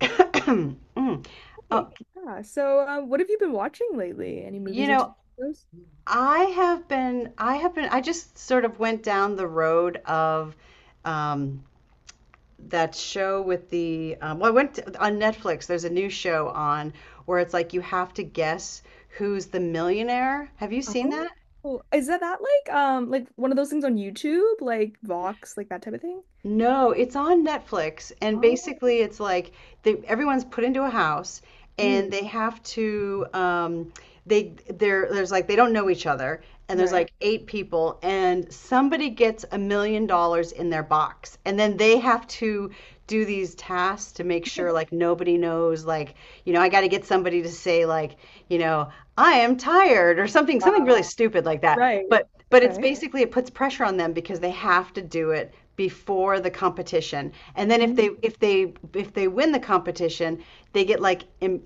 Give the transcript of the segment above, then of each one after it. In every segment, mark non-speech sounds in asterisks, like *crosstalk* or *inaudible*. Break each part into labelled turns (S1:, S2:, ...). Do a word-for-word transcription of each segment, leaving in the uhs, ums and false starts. S1: *clears throat* Mm. Uh,
S2: Great. Yeah. So, um, what have you been watching lately? Any
S1: you
S2: movies or T V
S1: know,
S2: shows?
S1: I have been, I have been, I just sort of went down the road of um, that show with the, um, well, I went to, on Netflix, there's a new show on where it's like you have to guess who's the millionaire. Have you seen
S2: Oh,
S1: that?
S2: cool. Is that that like um like one of those things on YouTube, like Vox, like that type of thing?
S1: No, it's on Netflix, and
S2: Oh.
S1: basically it's like they, everyone's put into a house and
S2: Mm,
S1: they have to um they there there's like they don't know each other, and there's
S2: right.
S1: like eight people and somebody gets a million dollars in their box, and then they have to do these tasks to make sure like nobody knows, like you know, I got to get somebody to say like, you know, I am tired or something, something really
S2: Wow.
S1: stupid like that.
S2: Right.
S1: But but it's
S2: Okay.
S1: basically, it puts pressure on them because they have to do it before the competition, and then if
S2: Mm.
S1: they if they if they win the competition, they get like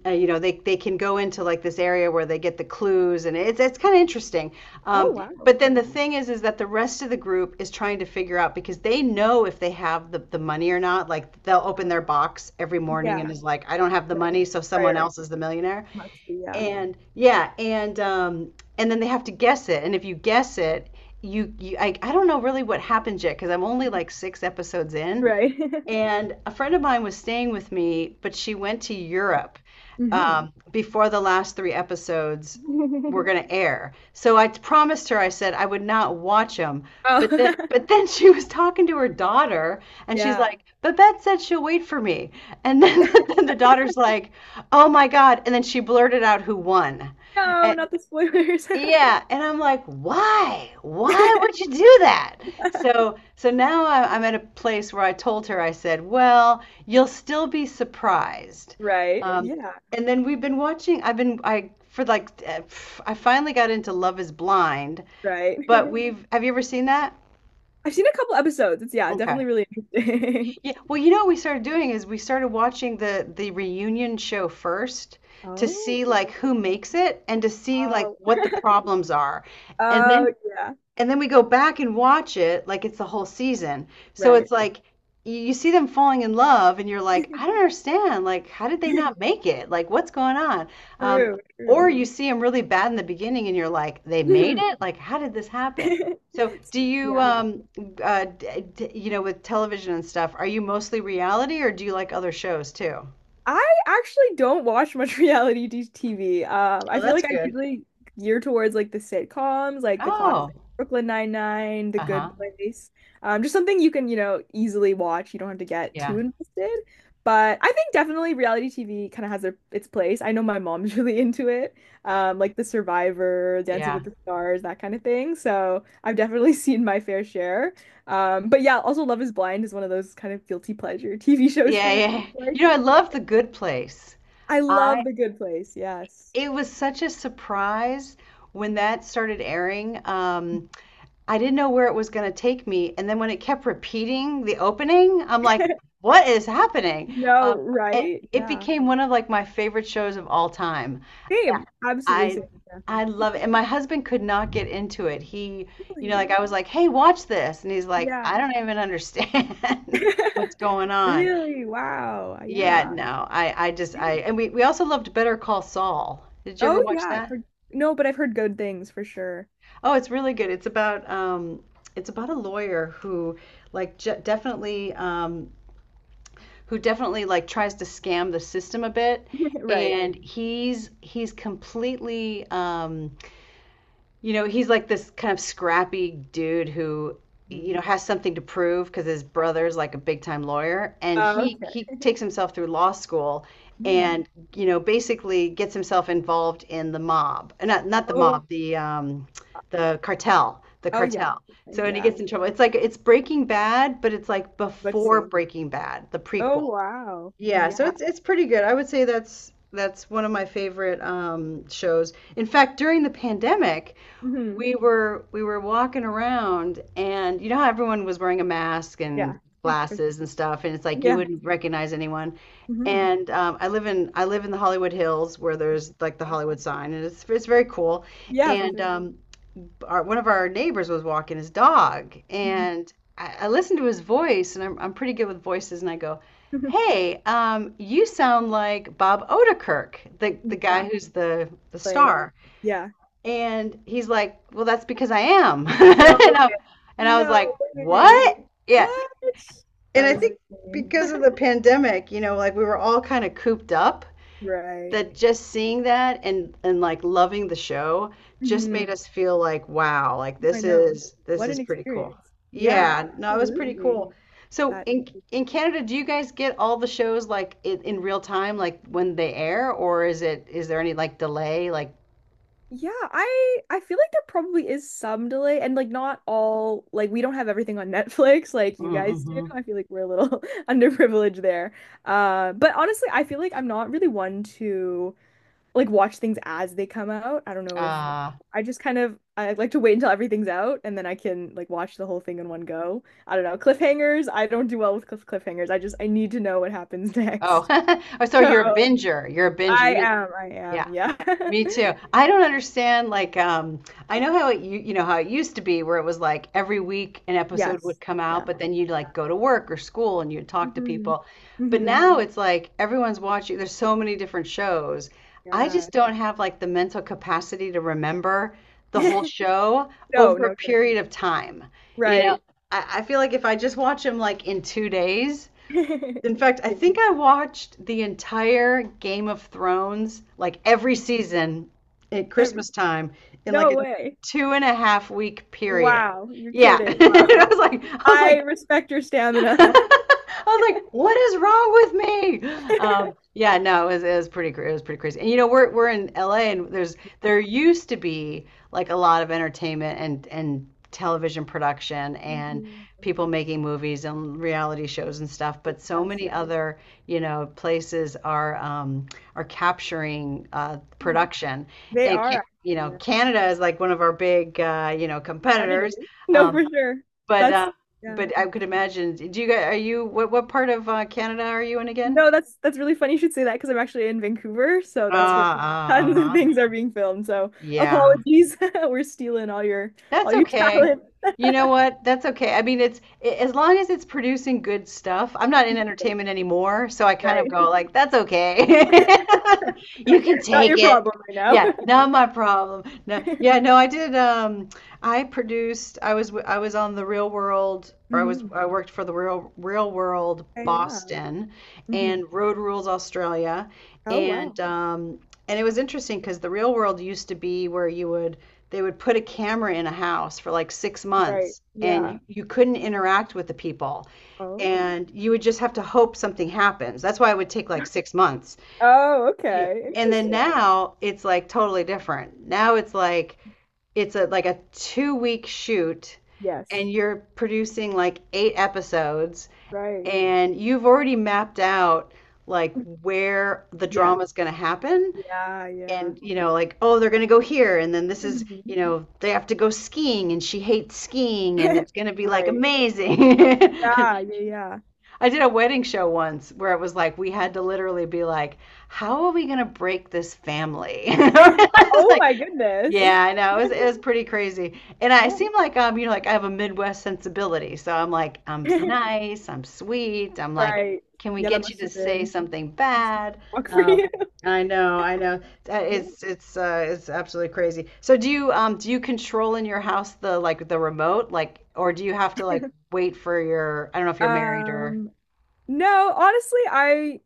S1: uh, you know, they, they can go into like this area where they get the clues, and it's it's kind of interesting.
S2: Oh,
S1: um,
S2: wow.
S1: but then
S2: Yeah.
S1: the thing is is that the rest of the group is trying to figure out, because they know if they have the, the money or not, like they'll open
S2: Um,
S1: their box every morning
S2: yeah.
S1: and is like, I don't have the
S2: Right.
S1: money, so
S2: Right.
S1: someone
S2: Right.
S1: else is the millionaire.
S2: Must be. Yeah.
S1: And yeah, and um, and then they have to guess it. And if you guess it, you, you I, I don't know really what happens yet, because I'm only like six episodes in.
S2: Right. *laughs*
S1: And a friend of mine was staying with me, but she went to Europe
S2: hmm
S1: um, before the last three episodes were
S2: *laughs*
S1: going to air. So I promised her, I said I would not watch them. But then,
S2: Oh,
S1: but then she was talking to her daughter,
S2: *laughs*
S1: and she's
S2: yeah.
S1: like, "Babette said she'll wait for me." And then, *laughs* then the daughter's like, "Oh my God!" And then she blurted out who won.
S2: No,
S1: and,
S2: not the spoilers.
S1: yeah, and I'm like, why? Why would
S2: *laughs*
S1: you do that? So, so now I- I'm at a place where I told her, I said, well, you'll still be surprised. Yep.
S2: Right.
S1: Um,
S2: Yeah.
S1: and then we've been watching, I've been, I, for like, uh, pff, I finally got into Love is Blind,
S2: Right.
S1: but we've, have you ever seen that?
S2: I've seen a couple episodes. It's yeah,
S1: Okay.
S2: definitely really interesting.
S1: Yeah.
S2: *laughs*
S1: Well, you know what we started doing, is we started watching the the reunion show first, to
S2: Oh,
S1: see like
S2: boy.
S1: who makes it and to see like
S2: Oh,
S1: what the problems are. And then
S2: oh yeah,
S1: and then we go back and watch it like it's the whole season. So it's
S2: right.
S1: like you you see them falling in love, and you're like, I don't understand. Like, how did they not
S2: *laughs*
S1: make it? Like, what's going on? Um,
S2: True,
S1: or
S2: true.
S1: you see them really bad in the beginning, and you're like, they made
S2: *laughs*
S1: it? Like, how did this happen? So do you,
S2: Yeah.
S1: um, uh, d d- you know, with television and stuff, are you mostly reality, or do you like other shows too?
S2: I actually don't watch much *laughs* reality t- TV. Um, I
S1: Oh,
S2: feel
S1: that's
S2: like I
S1: good.
S2: usually gear towards like the sitcoms, like the
S1: Oh,
S2: classic Brooklyn Nine-Nine, The Good
S1: uh-huh.
S2: Place. Um, just something you can, you know, easily watch. You don't have to get
S1: Yeah,
S2: too invested. But I think definitely reality T V kind of has their, its place. I know my mom's *laughs* really into it, um, like The Survivor, Dancing
S1: yeah,
S2: with the Stars, that kind of thing. So I've definitely *laughs* seen my fair share. Um, but yeah, also Love is Blind is one of those kind of guilty pleasure T V shows
S1: yeah,
S2: for me.
S1: yeah, yeah.
S2: Like,
S1: You know, I love The Good Place.
S2: I love The Good Place. Yes.
S1: It was such a surprise when that started airing. Um, I didn't know where it was going to take me. And then when it kept repeating the opening, I'm like,
S2: *laughs*
S1: what is happening?
S2: No,
S1: Um, it,
S2: right?
S1: it
S2: Yeah.
S1: became one of like my favorite shows of all time. Yeah,
S2: Same. Absolutely
S1: I
S2: same. Yeah.
S1: I love it. And
S2: *laughs*
S1: my husband could not get into it. He, you know,
S2: Really?
S1: like
S2: Oh,
S1: I was like, "Hey, watch this." And he's like, "I
S2: yeah.
S1: don't even understand *laughs* what's
S2: *laughs*
S1: going on."
S2: Really? Wow. Yeah.
S1: Yeah, no. I I just I and we we also loved Better Call Saul. Did you ever
S2: Oh,
S1: watch
S2: yeah. I've
S1: that?
S2: heard... No, but I've heard good things for sure.
S1: Oh, it's really good. It's about um, it's about a lawyer who like j definitely um, who definitely like tries to scam the system a bit,
S2: *laughs* Right.
S1: and he's he's completely um, you know, he's like this kind of scrappy dude who, you know,
S2: Mhm.
S1: has something to prove because his
S2: Yeah.
S1: brother's like a big time lawyer, and
S2: Oh,
S1: he he
S2: okay.
S1: takes himself through law school,
S2: Mm.
S1: and you know, basically gets himself involved in the mob. Uh, not not the
S2: Oh,
S1: mob, the um, the cartel, the
S2: oh yeah.
S1: cartel.
S2: Okay,
S1: So, and he
S2: yeah.
S1: gets in trouble. It's like it's Breaking Bad, but it's like
S2: What to
S1: before
S2: say?
S1: Breaking Bad, the
S2: Oh,
S1: prequel.
S2: wow.
S1: Yeah, so
S2: Yeah.
S1: it's it's pretty good. I would say that's that's one of my favorite um, shows. In fact, during the pandemic,
S2: hmm
S1: we were we were walking around, and you know how everyone was wearing a mask
S2: Yeah.
S1: and
S2: *laughs*
S1: glasses and stuff, and it's like you
S2: Yeah.
S1: wouldn't recognize anyone.
S2: hmm
S1: And um, I live in I live in the Hollywood Hills, where there's like the
S2: Wow.
S1: Hollywood sign, and it's it's very cool.
S2: Yeah, for
S1: And
S2: sure.
S1: um, our, one of our neighbors was walking his dog,
S2: Mhm.
S1: and I, I listened to his voice, and I'm, I'm pretty good with voices, and I go,
S2: *laughs*
S1: "Hey, um, you sound like Bob Odenkirk, the the
S2: Yeah.
S1: guy who's the the
S2: Playing.
S1: star."
S2: Yeah.
S1: And he's like, "Well, that's because I am," *laughs* and
S2: No
S1: I,
S2: way.
S1: and I was like,
S2: No way.
S1: "What?" Yeah,
S2: What?
S1: and
S2: That
S1: I
S2: is
S1: think
S2: insane.
S1: because of
S2: *laughs*
S1: the pandemic, you know, like we were all kind of cooped up,
S2: Right.
S1: that just seeing that and and like loving the show just made
S2: hmm
S1: us feel like, wow, like
S2: I
S1: this
S2: know.
S1: is this
S2: What
S1: is
S2: an
S1: pretty cool.
S2: experience. Yeah,
S1: Yeah, no, it was pretty
S2: absolutely.
S1: cool. So
S2: That
S1: in in Canada, do you guys get all the shows like in, in real time, like when they air, or is it, is there any like delay, like
S2: yeah, I I feel like there probably is some delay and like not all like we don't have everything on *laughs* Netflix like you guys do.
S1: mm-hmm.
S2: I feel like we're a little *laughs* underprivileged there. Uh, but honestly, I feel like I'm not really one to like watch things as they come out. I don't know if
S1: Uh,
S2: I just kind of I like to wait until everything's out and then I can like watch the whole thing in one go. I don't know. Cliffhangers, I don't do well with cliff cliffhangers. I just I need to know what happens *laughs*
S1: oh.
S2: next.
S1: *laughs* Oh, so you're a
S2: So
S1: binger, you're a binger
S2: I
S1: you
S2: am, I am,
S1: Yeah,
S2: yeah.
S1: me too.
S2: *laughs*
S1: I don't understand. Like, um, I know how it, you, you know how it used to be, where it was like every week an episode would
S2: Yes.
S1: come out,
S2: Yeah.
S1: but then you'd like go to work or school and you'd talk to
S2: hmm
S1: people. But
S2: hmm
S1: now it's like everyone's watching. There's so many different shows. I just
S2: Yeah.
S1: don't have like the mental capacity to remember the whole
S2: *laughs*
S1: show
S2: No,
S1: over a
S2: no kidding.
S1: period of time. You know,
S2: Right. *laughs*
S1: I, I feel like if I just watch them like in two days. In fact, I
S2: Yeah.
S1: think I watched the entire Game of Thrones, like every season at
S2: Every
S1: Christmas time in like
S2: no
S1: a
S2: way.
S1: two and a half week period.
S2: Wow, you're
S1: Yeah. *laughs*
S2: kidding. Wow.
S1: I was like, I was
S2: I
S1: like,
S2: respect your stamina.
S1: *laughs* I was like, "What is wrong with me?" Um,
S2: *laughs*
S1: yeah, no, it was, it was pretty, cra- it was pretty crazy. And you know, we're we're in L A, and there's there used to be like a lot of entertainment and and television production and
S2: Mhm.
S1: people making movies and reality shows and stuff. But so
S2: Yes,
S1: many
S2: yeah.
S1: other, you know, places are um, are capturing uh,
S2: Mhm.
S1: production,
S2: They
S1: and
S2: are
S1: can, you
S2: actually,
S1: know,
S2: yeah.
S1: Canada is like one of our big uh, you know, competitors.
S2: Competitors. *laughs* No, for
S1: Um,
S2: sure.
S1: but
S2: That's
S1: uh,
S2: yeah.
S1: but I could imagine. Do you guys, are you, what what part of uh, Canada are you in again?
S2: No, that's that's really funny you should say that because I'm actually in Vancouver, so
S1: Uh,
S2: that's where *laughs*
S1: uh,
S2: tons of
S1: uh-huh.
S2: things are being filmed. So
S1: Yeah,
S2: apologies. *laughs* We're stealing all your all
S1: that's
S2: your
S1: okay.
S2: talent.
S1: You know what? That's okay. I mean, it's a- as long as it's producing good stuff. I'm not in entertainment anymore, so I kind of
S2: Right.
S1: go like, that's okay. *laughs* You can
S2: *laughs* Not
S1: take
S2: your
S1: it.
S2: problem right now.
S1: Yeah, not my problem. No, yeah, no, I did um I produced, I was w- I was on the Real World,
S2: *laughs*
S1: or I was,
S2: hmm
S1: I worked for the Real Real World
S2: yeah.
S1: Boston
S2: hmm
S1: and Road Rules Australia,
S2: Oh
S1: and
S2: wow.
S1: um and it was interesting because the Real World used to be where you would, they would put a camera in a house for like six
S2: Right.
S1: months and
S2: Yeah.
S1: you, you couldn't interact with the people,
S2: Oh.
S1: and you would just have to hope something happens. That's why it would take like six months.
S2: Oh,
S1: Yeah.
S2: okay.
S1: And then
S2: Interesting.
S1: now it's like totally different. Now it's like it's a like a two week shoot,
S2: Yes.
S1: and you're producing like eight episodes,
S2: Right.
S1: and you've already mapped out like
S2: *laughs*
S1: where the
S2: Yeah.
S1: drama is going to happen.
S2: Yeah, yeah.
S1: And you know, like, oh, they're going to go here, and then this is, you
S2: Mhm.
S1: know, they have to go skiing and she hates skiing, and
S2: *laughs*
S1: it's going to be like
S2: Right.
S1: amazing. *laughs*
S2: Yeah, yeah,
S1: I did a wedding show once where it was like we had to literally be like, how are we going to break this family? *laughs*
S2: yeah. *laughs*
S1: It's
S2: Oh
S1: like,
S2: my goodness.
S1: yeah, I know. It was, it was pretty crazy. And I
S2: Yeah.
S1: seem like, um, you know, like, I have a Midwest sensibility. So I'm like, I'm s-
S2: *laughs*
S1: nice, I'm sweet. I'm like,
S2: Right.
S1: can we
S2: Yeah, that
S1: get you
S2: must
S1: to
S2: have
S1: say
S2: been
S1: something
S2: must have
S1: bad?
S2: been a shock for
S1: Um,
S2: you. *laughs*
S1: I know, I know. Uh,
S2: Yeah.
S1: It's it's uh it's absolutely crazy. So do you, um do you control in your house the, like the remote, like, or do you have to like wait for your, I don't know if you're married or,
S2: Um, no, honestly, I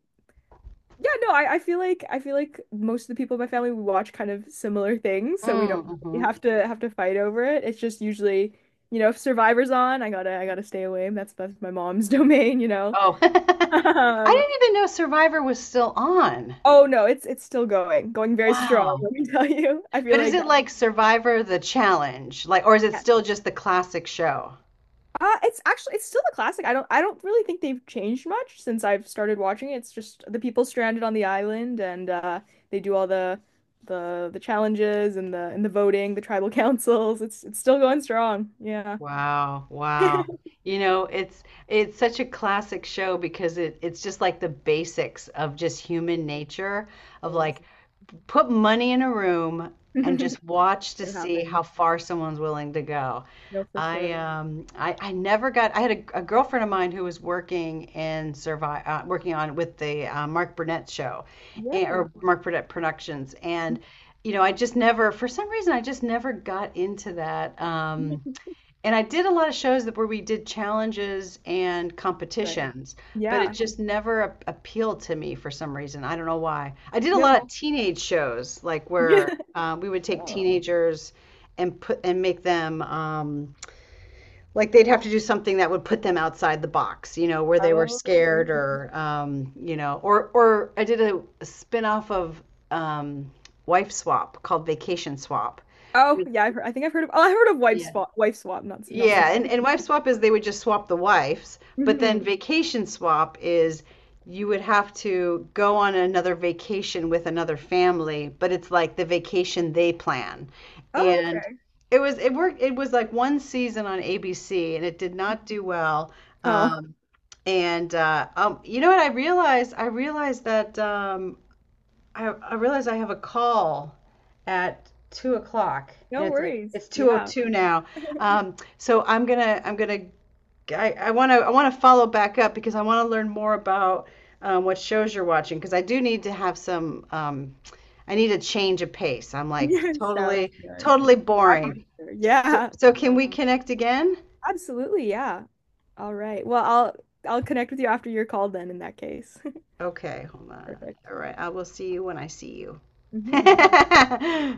S2: yeah, no, I, I feel like I feel like most of the people in my family we watch kind of similar things, so we don't
S1: mm,
S2: really
S1: hmm.
S2: have to have to fight over it. It's just usually, you know, if Survivor's on, I gotta I gotta stay away. That's that's my mom's *laughs* domain, you know. *laughs*
S1: Oh. *laughs* I
S2: Um,
S1: didn't even know Survivor was still on.
S2: oh no, it's it's still going, going very strong,
S1: Wow.
S2: let me tell you. I feel
S1: But is
S2: like
S1: it like Survivor the challenge? Like, or is it
S2: that.
S1: still just the classic show?
S2: Uh, it's actually it's still a classic. I don't I don't really think they've changed much since I've started watching it. It's just the people stranded on the island and uh they do all the the the challenges and the and the voting, the tribal *laughs* councils. It's it's still going strong. Yeah.
S1: Wow, wow.
S2: *laughs*
S1: You know, it's it's such a classic show because it, it's just like the basics of just human nature,
S2: It
S1: of like,
S2: is.
S1: put money in a room and just
S2: *laughs*
S1: watch to
S2: It
S1: see
S2: happens.
S1: how far someone's willing to go.
S2: No, for
S1: I
S2: sure.
S1: um I, I never got, I had a, a girlfriend of mine who was working in survive, uh, working on with the uh, Mark Burnett show
S2: Yeah.
S1: and,
S2: Wow.
S1: or Mark Burnett Productions. And you know, I just never, for some reason, I just never got into that. Um
S2: *laughs*
S1: and I did a lot of shows that where we did challenges and
S2: Right.
S1: competitions, but it
S2: Yeah.
S1: just never a- appealed to me for some reason. I don't know why. I did a lot of
S2: No.
S1: teenage shows, like where
S2: *laughs*
S1: uh, we would take
S2: Oh.
S1: teenagers and put and make them um, like they'd have to do something that would put them outside the box, you know, where they were
S2: Oh,
S1: scared.
S2: very.
S1: Or um, you know, or or I did a, a spin-off of um, Wife Swap, called Vacation Swap.
S2: Oh, yeah, I've heard, I think I've heard of oh, I heard of wife swap, wife swap, not so- not so
S1: Yeah, and,
S2: much.
S1: and wife swap is they would just swap the wives, but then
S2: Hmm
S1: vacation swap is, you would have to go on another vacation with another family, but it's like the vacation they plan.
S2: Oh,
S1: And
S2: okay.
S1: it was, it worked, it was like one season on A B C and it did not do well.
S2: Oh.
S1: Um, and uh, um, you know what I realized? I realized that um, I, I realize I have a call at two o'clock, and
S2: No
S1: it's like
S2: worries.
S1: it's
S2: Yeah.
S1: two oh two now.
S2: *laughs*
S1: Um, so I'm gonna I'm gonna I, I wanna, I wanna follow back up, because I wanna learn more about um, what shows you're watching, because I do need to have some, um, I need a change of pace. I'm like
S2: Yeah. Sounds
S1: totally
S2: good.
S1: totally
S2: Happy to
S1: boring.
S2: share.
S1: So,
S2: Yeah.
S1: so can
S2: Um,
S1: we connect again?
S2: Absolutely. Yeah. All right. Well, I'll I'll connect with you after your call then in that case.
S1: Okay, hold
S2: *laughs*
S1: on.
S2: Perfect.
S1: All right, I will see you when I see you.
S2: Hmm
S1: *laughs*